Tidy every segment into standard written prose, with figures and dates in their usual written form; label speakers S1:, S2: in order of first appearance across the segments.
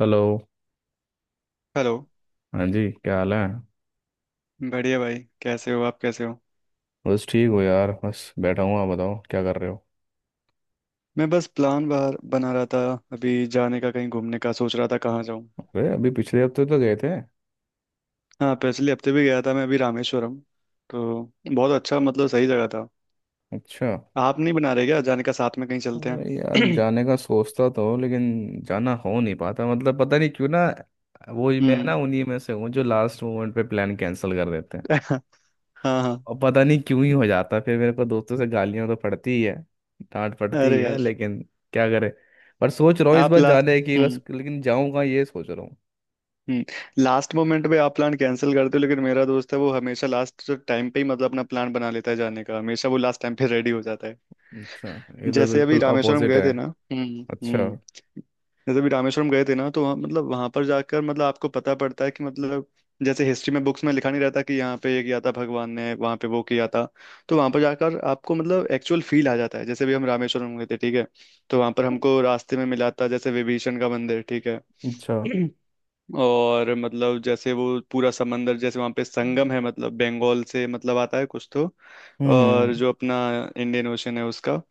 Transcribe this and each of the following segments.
S1: Hello.
S2: Hello.
S1: हाँ जी, क्या हाल है?
S2: बढ़िया भाई। कैसे हो आप, कैसे हो?
S1: बस ठीक हो यार, बस बैठा हूँ। आप बताओ, क्या कर रहे हो?
S2: मैं बस प्लान बाहर बना रहा था। अभी जाने का, कहीं घूमने का सोच रहा था, कहाँ जाऊँ।
S1: अरे अभी पिछले हफ्ते तो गए थे।
S2: हाँ, पिछले हफ्ते भी गया था मैं अभी रामेश्वरम। तो बहुत अच्छा, मतलब सही जगह था।
S1: अच्छा।
S2: आप नहीं बना रहे क्या जाने का? साथ में कहीं चलते
S1: अरे यार,
S2: हैं।
S1: जाने का सोचता तो हूँ लेकिन जाना हो नहीं पाता। मतलब पता नहीं क्यों ना। वो ही, मैं ना
S2: हम्म।
S1: उन्हीं में से हूँ जो लास्ट मोमेंट पे प्लान कैंसिल कर देते हैं।
S2: हाँ हाँ।
S1: और पता नहीं क्यों ही हो जाता है। फिर मेरे को दोस्तों से गालियाँ तो पड़ती ही है, डांट पड़ती ही
S2: अरे
S1: है
S2: यार।
S1: लेकिन क्या करे। पर सोच रहा हूँ इस
S2: आप
S1: बार
S2: ला
S1: जाने की, बस
S2: हम्म।
S1: लेकिन जाऊँगा, ये सोच रहा हूँ।
S2: हम्म। लास्ट मोमेंट पे आप प्लान कैंसिल करते हो, लेकिन मेरा दोस्त है, वो हमेशा लास्ट टाइम पे ही मतलब अपना प्लान बना लेता है जाने का, हमेशा वो लास्ट टाइम पे रेडी हो जाता है।
S1: अच्छा, ये तो
S2: जैसे अभी
S1: बिल्कुल
S2: रामेश्वरम
S1: अपोजिट
S2: गए
S1: है।
S2: थे ना। हम्म।
S1: अच्छा।
S2: हम्म। जैसे भी रामेश्वरम गए थे ना, तो वहाँ मतलब वहां पर जाकर मतलब आपको पता पड़ता है कि मतलब जैसे हिस्ट्री में, बुक्स में लिखा नहीं रहता कि यहाँ पे ये किया था भगवान ने, वहां पे वो किया था। तो वहां पर जाकर आपको मतलब एक्चुअल फील आ जाता है, जैसे भी हम रामेश्वरम गए थे, ठीक है। तो वहां पर हमको रास्ते में मिला था जैसे विभीषण का मंदिर, ठीक है।
S1: अच्छा।
S2: और मतलब जैसे वो पूरा समंदर, जैसे वहाँ पे
S1: हम्म।
S2: संगम है, मतलब बंगाल से मतलब आता है कुछ तो, और
S1: हम्म,
S2: जो अपना इंडियन ओशन है उसका।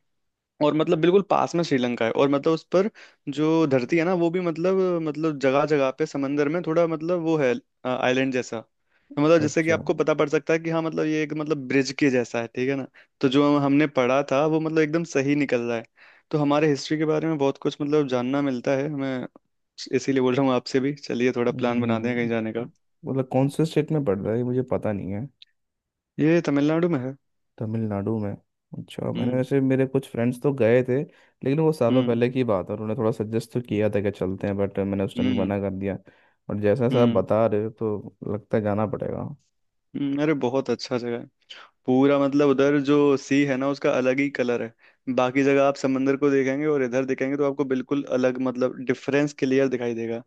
S2: और मतलब बिल्कुल पास में श्रीलंका है, और मतलब उस पर जो धरती है ना, वो भी मतलब जगह जगह पे समंदर में थोड़ा मतलब वो है, आइलैंड जैसा। तो मतलब जैसे कि
S1: अच्छा।
S2: आपको पता पड़ सकता है कि हाँ मतलब ये एक मतलब ब्रिज के जैसा है, ठीक है ना। तो जो हमने पढ़ा था वो मतलब एकदम सही निकल रहा है। तो हमारे हिस्ट्री के बारे में बहुत कुछ मतलब जानना मिलता है, मैं इसीलिए बोल रहा हूँ आपसे भी, चलिए थोड़ा प्लान बनाते हैं कहीं
S1: हम्म,
S2: जाने का।
S1: मतलब कौन से स्टेट में पड़ रहा है ये मुझे पता नहीं है।
S2: ये तमिलनाडु में है।
S1: तमिलनाडु में? अच्छा। मैंने,
S2: हम्म।
S1: वैसे मेरे कुछ फ्रेंड्स तो गए थे लेकिन वो सालों
S2: हम्म।
S1: पहले की बात है। उन्होंने थोड़ा सजेस्ट तो किया था कि चलते हैं बट मैंने उस टाइम
S2: हम्म।
S1: मना कर दिया। और जैसा जैसा आप
S2: हम्म।
S1: बता रहे हो तो लगता है जाना पड़ेगा।
S2: हम्म। अरे, बहुत अच्छा जगह है। पूरा मतलब उधर जो सी है ना, उसका अलग ही कलर है। बाकी जगह आप समंदर को देखेंगे और इधर देखेंगे तो आपको बिल्कुल अलग, मतलब डिफरेंस क्लियर दिखाई देगा।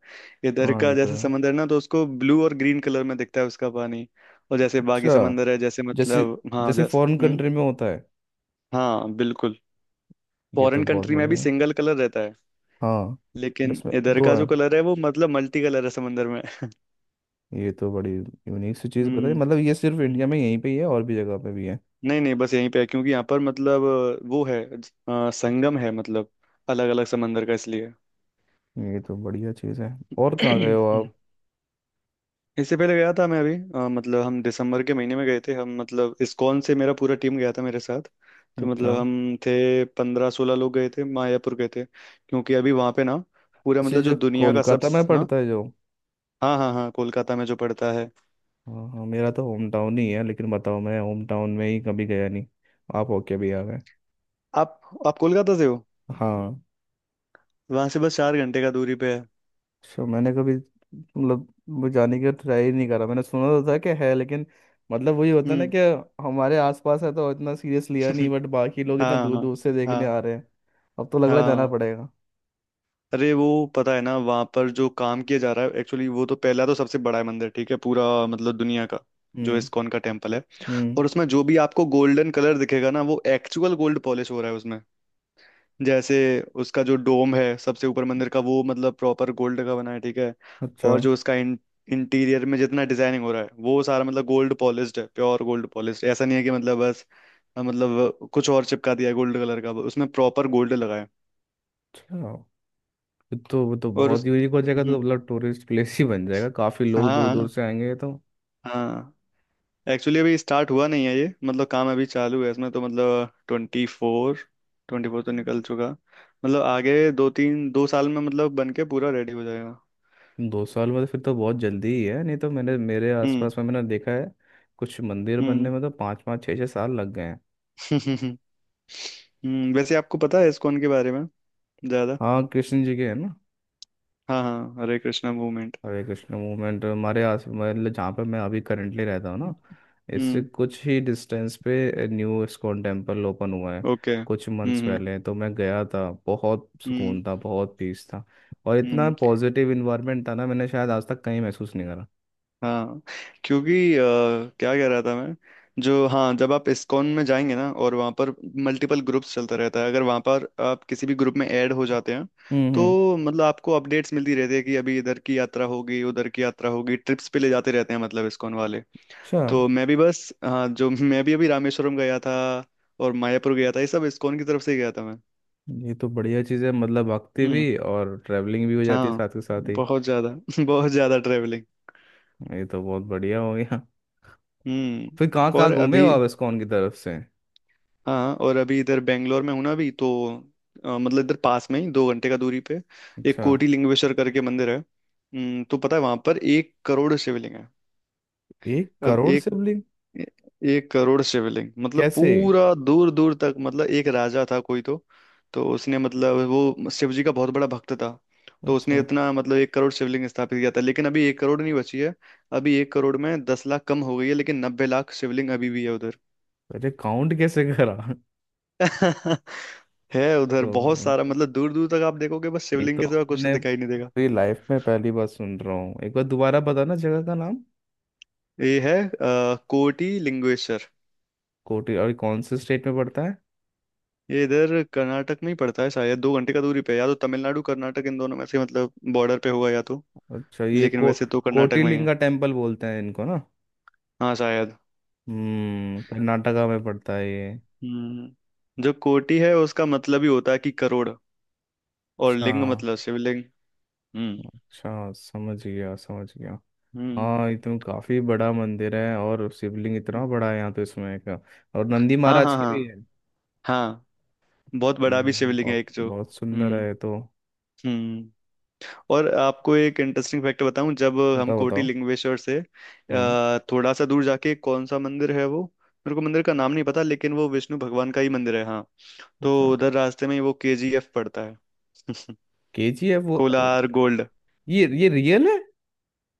S2: इधर
S1: हाँ
S2: का
S1: ये तो
S2: जैसे
S1: है।
S2: समंदर ना, तो उसको ब्लू और ग्रीन कलर में दिखता है उसका पानी। और जैसे बाकी
S1: अच्छा।
S2: समंदर है, जैसे
S1: जैसे,
S2: मतलब हाँ
S1: जैसे फॉरेन
S2: जैसे हम्म।
S1: कंट्री में होता है।
S2: हाँ बिल्कुल।
S1: ये तो
S2: फॉरेन
S1: बहुत
S2: कंट्री में भी
S1: बढ़िया है।
S2: सिंगल कलर रहता है।
S1: हाँ। बट
S2: लेकिन
S1: इसमें
S2: इधर
S1: दो
S2: का
S1: है?
S2: जो कलर है वो मतलब मल्टी कलर है समंदर में।
S1: ये तो बड़ी यूनिक सी चीज़
S2: हम्म।
S1: बताई। मतलब ये सिर्फ
S2: हम्म।
S1: इंडिया में यहीं पे ही है, और भी जगह पे भी है?
S2: नहीं नहीं, बस यहीं पे है, क्योंकि यहाँ पर मतलब वो है संगम है, मतलब अलग अलग समंदर का, इसलिए।
S1: ये तो बढ़िया चीज़ है। और कहाँ गए हो आप?
S2: इससे पहले गया था मैं अभी मतलब हम दिसंबर के महीने में गए थे, हम मतलब इस्कॉन से मेरा पूरा टीम गया था मेरे साथ। तो
S1: अच्छा।
S2: मतलब हम थे 15-16 लोग, गए थे मायापुर गए थे, क्योंकि अभी वहाँ पे ना पूरा
S1: अच्छा,
S2: मतलब जो
S1: जो
S2: दुनिया का सब।
S1: कोलकाता में
S2: हाँ
S1: पड़ता है जो?
S2: हाँ हाँ हाँ, कोलकाता में जो पड़ता है।
S1: हाँ हाँ, मेरा तो होम टाउन ही है लेकिन बताओ मैं होम टाउन में ही कभी गया नहीं। आप होके भी आ गए।
S2: आप आप कोलकाता से हो?
S1: हाँ।
S2: वहाँ से बस 4 घंटे का दूरी पे है।
S1: सो मैंने कभी मतलब वो जाने की ट्राई नहीं करा। मैंने सुना तो था कि है लेकिन मतलब वही होता है ना
S2: हम्म।
S1: कि हमारे आसपास है तो इतना सीरियस लिया नहीं, बट बाकी लोग इतना
S2: हाँ
S1: दूर
S2: हाँ
S1: दूर से देखने आ
S2: हाँ
S1: रहे हैं। अब तो लग रहा है जाना
S2: हाँ।
S1: पड़ेगा।
S2: अरे वो पता है ना वहाँ पर जो काम किया जा रहा है, एक्चुअली वो तो पहला तो सबसे बड़ा है मंदिर, ठीक है, पूरा मतलब दुनिया का जो
S1: हम्म।
S2: इस्कॉन का टेम्पल है।
S1: हम्म।
S2: और उसमें जो भी आपको गोल्डन कलर दिखेगा ना, वो एक्चुअल गोल्ड पॉलिश हो रहा है उसमें। जैसे उसका जो डोम है सबसे ऊपर मंदिर का, वो मतलब प्रॉपर गोल्ड का बना है, ठीक है।
S1: अच्छा।
S2: और जो उसका इंटीरियर में जितना डिजाइनिंग हो रहा है, वो सारा मतलब गोल्ड पॉलिश्ड है, प्योर गोल्ड पॉलिश्ड, ऐसा नहीं है कि मतलब बस मतलब कुछ और चिपका दिया है गोल्ड कलर का, उसमें प्रॉपर गोल्ड लगा है।
S1: अच्छा, ये तो, वो तो
S2: और
S1: बहुत
S2: उस
S1: यूनिक हो जाएगा तो।
S2: हम्म।
S1: मतलब टूरिस्ट प्लेस ही बन जाएगा, काफ़ी
S2: हाँ
S1: लोग दूर दूर
S2: हाँ
S1: से आएंगे तो।
S2: हाँ। एक्चुअली अभी स्टार्ट हुआ नहीं है ये, मतलब काम अभी चालू है इसमें, तो मतलब ट्वेंटी फोर तो निकल चुका। मतलब आगे दो तीन, दो साल में मतलब बन के पूरा रेडी हो जाएगा।
S1: 2 साल बाद? फिर तो बहुत जल्दी ही है। नहीं तो मैंने मेरे
S2: हम्म।
S1: आसपास में मैंने देखा है कुछ मंदिर बनने
S2: हम्म।
S1: में तो 5 5 6 6 साल लग गए हैं।
S2: हम्म, वैसे आपको पता है इस्कॉन के बारे में ज्यादा?
S1: हाँ, कृष्ण जी के है ना।
S2: हाँ हाँ हरे कृष्णा मूवमेंट।
S1: हरे कृष्ण मूवमेंट हमारे आस, मतलब जहाँ पर मैं अभी करंटली रहता हूँ ना, इससे
S2: हम्म।
S1: कुछ ही डिस्टेंस पे न्यू इस्कॉन टेम्पल ओपन हुआ है।
S2: ओके।
S1: कुछ मंथ्स
S2: हम्म। okay।
S1: पहले तो मैं गया था, बहुत
S2: हम्म।
S1: सुकून था,
S2: हम्म।
S1: बहुत पीस था। और इतना
S2: हम्म।
S1: पॉजिटिव इन्वायरमेंट था ना, मैंने शायद आज तक कहीं महसूस नहीं करा।
S2: हाँ, क्योंकि क्या कह रहा था मैं, जो हाँ जब आप इस्कॉन में जाएंगे ना और वहाँ पर मल्टीपल ग्रुप्स चलता रहता है, अगर वहाँ पर आप किसी भी ग्रुप में ऐड हो जाते हैं,
S1: हम्म। हम्म।
S2: तो मतलब आपको अपडेट्स मिलती रहती है कि अभी इधर की यात्रा होगी, उधर की यात्रा होगी, ट्रिप्स पे ले जाते रहते हैं मतलब इस्कॉन वाले।
S1: अच्छा,
S2: तो मैं भी बस हाँ जो मैं भी अभी रामेश्वरम गया था, और मायापुर गया था, ये सब इस्कॉन की तरफ से ही गया था मैं।
S1: ये तो बढ़िया चीज़ है। मतलब भक्ति
S2: हम्म।
S1: भी और ट्रैवलिंग भी हो जाती है
S2: हाँ।
S1: साथ के साथ ही।
S2: बहुत ज्यादा बहुत ज्यादा ट्रेवलिंग।
S1: ये तो बहुत बढ़िया हो गया।
S2: हम्म।
S1: फिर कहाँ
S2: और
S1: कहाँ घूमे हो
S2: अभी,
S1: आप इस्कॉन की तरफ से?
S2: हाँ, और अभी इधर बेंगलोर में हूँ ना, अभी तो मतलब इधर पास में ही 2 घंटे का दूरी पे एक
S1: अच्छा।
S2: कोटी लिंगेश्वर करके मंदिर है। तो पता है वहां पर 1 करोड़ शिवलिंग है।
S1: एक
S2: अब
S1: करोड़
S2: एक,
S1: शिवलिंग?
S2: एक करोड़ शिवलिंग, मतलब
S1: कैसे?
S2: पूरा दूर दूर तक, मतलब एक राजा था कोई तो उसने मतलब वो शिव जी का बहुत बड़ा भक्त था, तो उसने
S1: अच्छा।
S2: इतना मतलब 1 करोड़ शिवलिंग स्थापित किया था, लेकिन अभी 1 करोड़ नहीं बची है। अभी एक करोड़ में 10 लाख कम हो गई है, लेकिन 90 लाख शिवलिंग अभी भी है उधर।
S1: अरे काउंट कैसे करा?
S2: है उधर बहुत
S1: तो
S2: सारा, मतलब दूर दूर तक आप देखोगे बस
S1: ये
S2: शिवलिंग
S1: तो,
S2: के सिवा कुछ
S1: मैंने
S2: दिखाई नहीं देगा।
S1: पूरी लाइफ में पहली बार सुन रहा हूँ। एक बार दोबारा बताना जगह का नाम?
S2: ये है कोटी लिंगेश्वर।
S1: कोटी? और कौन से स्टेट में पड़ता है?
S2: ये इधर कर्नाटक में ही पड़ता है शायद, 2 घंटे का दूरी पे है। या तो तमिलनाडु कर्नाटक, इन दोनों में से मतलब बॉर्डर पे होगा या तो,
S1: अच्छा, ये
S2: लेकिन
S1: को
S2: वैसे तो कर्नाटक में ही है।
S1: कोटिलिंगा टेम्पल बोलते हैं इनको ना?
S2: हाँ, शायद।
S1: हम्म, कर्नाटका में पड़ता है ये?
S2: हम्म, जो कोटी है उसका मतलब ही होता है कि करोड़, और
S1: अच्छा।
S2: लिंग मतलब शिवलिंग। हम्म।
S1: अच्छा, समझ गया समझ गया।
S2: हम्म
S1: हाँ ये तो काफी बड़ा मंदिर है और शिवलिंग इतना बड़ा है यहाँ तो, इसमें का, और नंदी
S2: हाँ
S1: महाराज
S2: हाँ
S1: की
S2: हाँ
S1: भी है?
S2: हाँ। बहुत बड़ा भी शिवलिंग है
S1: बहुत
S2: एक जो।
S1: बहुत सुंदर है
S2: हम्म।
S1: ये तो।
S2: हम्म। और आपको एक इंटरेस्टिंग फैक्ट बताऊं, जब हम
S1: बताओ
S2: कोटी
S1: बताओ।
S2: लिंगेश्वर से
S1: हम्म।
S2: थोड़ा सा दूर जाके कौन सा मंदिर है वो, मेरे को मंदिर का नाम नहीं पता, लेकिन वो विष्णु भगवान का ही मंदिर है हाँ। तो
S1: अच्छा।
S2: उधर रास्ते में ही वो केजीएफ पड़ता है।
S1: केजीएफ वो?
S2: कोलार गोल्ड।
S1: ये रियल है?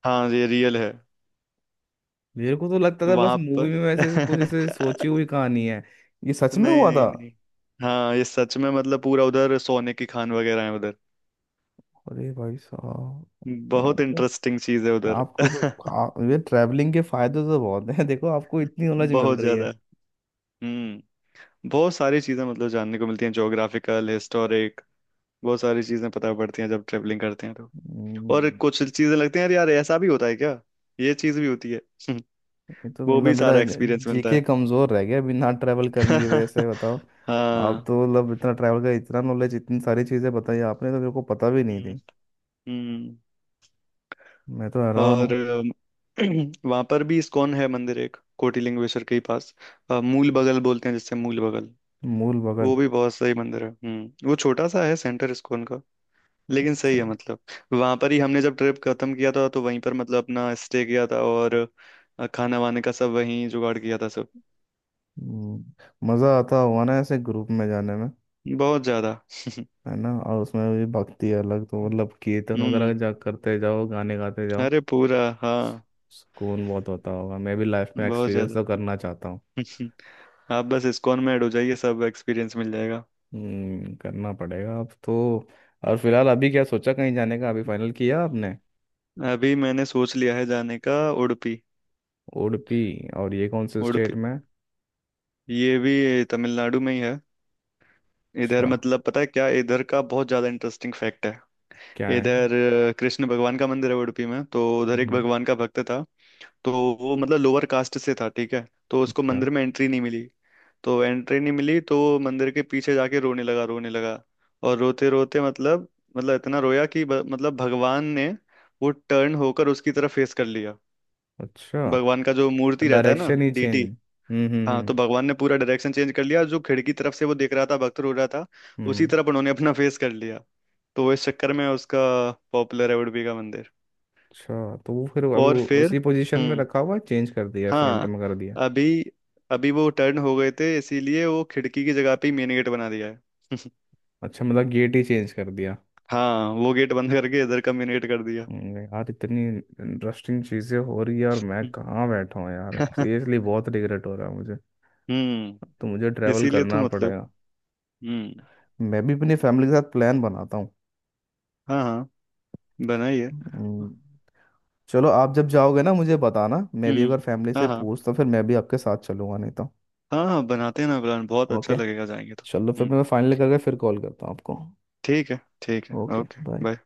S2: हाँ ये रियल है।
S1: मेरे को तो लगता था बस
S2: वहां
S1: मूवी
S2: पर
S1: में, वैसे ऐसे कुछ, ऐसे सोची हुई कहानी है। ये सच में
S2: नहीं
S1: हुआ था?
S2: नहीं नहीं। हाँ ये सच में, मतलब पूरा उधर सोने की खान वगैरह है उधर।
S1: अरे भाई साहब।
S2: बहुत
S1: आपको
S2: इंटरेस्टिंग चीज है उधर।
S1: आपको तो, ये ट्रैवलिंग के फायदे तो बहुत हैं। देखो आपको इतनी नॉलेज मिल
S2: बहुत
S1: रही है।
S2: ज्यादा। हम्म। बहुत सारी चीज़ें, मतलब जानने को मिलती हैं, ज्योग्राफिकल, हिस्टोरिक, बहुत सारी चीज़ें पता पड़ती हैं जब ट्रेवलिंग करते हैं तो। और
S1: हम्म,
S2: कुछ चीज़ें लगती हैं, यार यार ऐसा भी होता है क्या, ये चीज़ भी होती है।
S1: ये तो
S2: वो
S1: मतलब
S2: भी
S1: मेरा
S2: सारा एक्सपीरियंस मिलता
S1: जीके
S2: है।
S1: कमजोर रह गया बिना ट्रैवल करने की वजह से, बताओ। आप
S2: हाँ।
S1: तो मतलब इतना ट्रैवल का, इतना नॉलेज, इतनी सारी चीजें बताई आपने, तो मेरे को पता भी नहीं
S2: हम्म।
S1: थी।
S2: हम्म।
S1: मैं तो हैरान हूँ।
S2: और वहाँ पर भी इस्कॉन है मंदिर एक, कोटी लिंगेश्वर के ही पास मूल बगल बोलते हैं जिससे, मूल बगल।
S1: मूल बगल?
S2: वो भी बहुत सही मंदिर है। हम्म, वो छोटा सा है सेंटर इस्कॉन, लेकिन सही
S1: अच्छा।
S2: है मतलब। वहां पर ही हमने जब ट्रिप खत्म किया था तो वहीं पर मतलब अपना स्टे किया था, और खाना वाने का सब वहीं जुगाड़ किया था सब।
S1: हम्म, मज़ा आता हुआ ना ऐसे ग्रुप में जाने में?
S2: बहुत ज्यादा।
S1: है ना। और उसमें भी भक्ति अलग, तो मतलब कीर्तन वगैरह
S2: हम्म,
S1: जा करते जाओ, गाने गाते जाओ।
S2: अरे पूरा हाँ।
S1: सुकून बहुत होता होगा। मैं भी लाइफ में
S2: बहुत
S1: एक्सपीरियंस
S2: ज्यादा।
S1: तो करना चाहता हूँ।
S2: आप बस इस्कॉन में ऐड हो जाइए, सब एक्सपीरियंस मिल जाएगा।
S1: करना पड़ेगा अब तो। और
S2: हम्म।
S1: फिलहाल अभी क्या सोचा कहीं जाने का? अभी फाइनल किया आपने?
S2: अभी मैंने सोच लिया है जाने का, उडुपी।
S1: उडुपी? और ये कौन से
S2: उडुपी
S1: स्टेट में?
S2: ये भी तमिलनाडु में ही है। इधर
S1: अच्छा।
S2: मतलब पता है क्या, इधर का बहुत ज्यादा इंटरेस्टिंग फैक्ट है।
S1: क्या है?
S2: इधर कृष्ण भगवान का मंदिर है उडुपी में, तो उधर एक
S1: हम्म।
S2: भगवान का भक्त था, तो वो मतलब लोअर कास्ट से था, ठीक है, तो उसको
S1: अच्छा।
S2: मंदिर में एंट्री नहीं मिली। तो एंट्री नहीं मिली तो वो मंदिर के पीछे जाके रोने लगा, रोने लगा, और रोते रोते मतलब, इतना रोया कि मतलब भगवान ने वो टर्न होकर उसकी तरफ फेस कर लिया।
S1: अच्छा।
S2: भगवान का जो मूर्ति रहता है ना,
S1: डायरेक्शन ही
S2: डीटी।
S1: चेंज? हम्म। हम्म।
S2: हाँ,
S1: हम्म।
S2: तो भगवान ने पूरा डायरेक्शन चेंज कर लिया, जो खिड़की तरफ से वो देख रहा था भक्त रो रहा था, उसी
S1: हम्म।
S2: तरफ उन्होंने अपना फेस कर लिया। तो वो इस चक्कर में उसका पॉपुलर है उडुपी का मंदिर।
S1: अच्छा, तो वो फिर अभी
S2: और
S1: वो
S2: फिर
S1: उसी पोजीशन में
S2: हम्म
S1: रखा हुआ है, चेंज कर दिया, फ्रंट
S2: हाँ
S1: में कर दिया?
S2: अभी, अभी वो टर्न हो गए थे इसीलिए वो खिड़की की जगह पे ही मेन गेट बना दिया है।
S1: अच्छा, मतलब गेट ही चेंज कर दिया?
S2: हाँ, वो गेट बंद करके इधर का मेन गेट कर दिया।
S1: यार, इतनी इंटरेस्टिंग चीज़ें हो रही है और मैं कहाँ बैठा हूँ यार। सीरियसली बहुत रिग्रेट हो रहा है मुझे। अब
S2: हम्म।
S1: तो मुझे ट्रैवल
S2: इसीलिए तो
S1: करना
S2: मतलब।
S1: पड़ेगा।
S2: हम्म।
S1: मैं भी अपनी फैमिली के साथ प्लान बनाता हूँ।
S2: हाँ हाँ बनाइए।
S1: हम्म, चलो आप जब जाओगे ना मुझे बताना, मैं भी
S2: हम्म।
S1: अगर फैमिली
S2: हाँ
S1: से
S2: हाँ
S1: पूछ तो फिर मैं भी आपके साथ चलूंगा नहीं तो।
S2: हाँ हाँ बनाते हैं ना प्लान, बहुत अच्छा
S1: ओके।
S2: लगेगा जाएंगे तो।
S1: चलो फिर
S2: हम्म।
S1: मैं फाइनल करके फिर कॉल करता हूँ आपको।
S2: ठीक है ठीक है,
S1: ओके।
S2: Okay
S1: bye.
S2: बाय।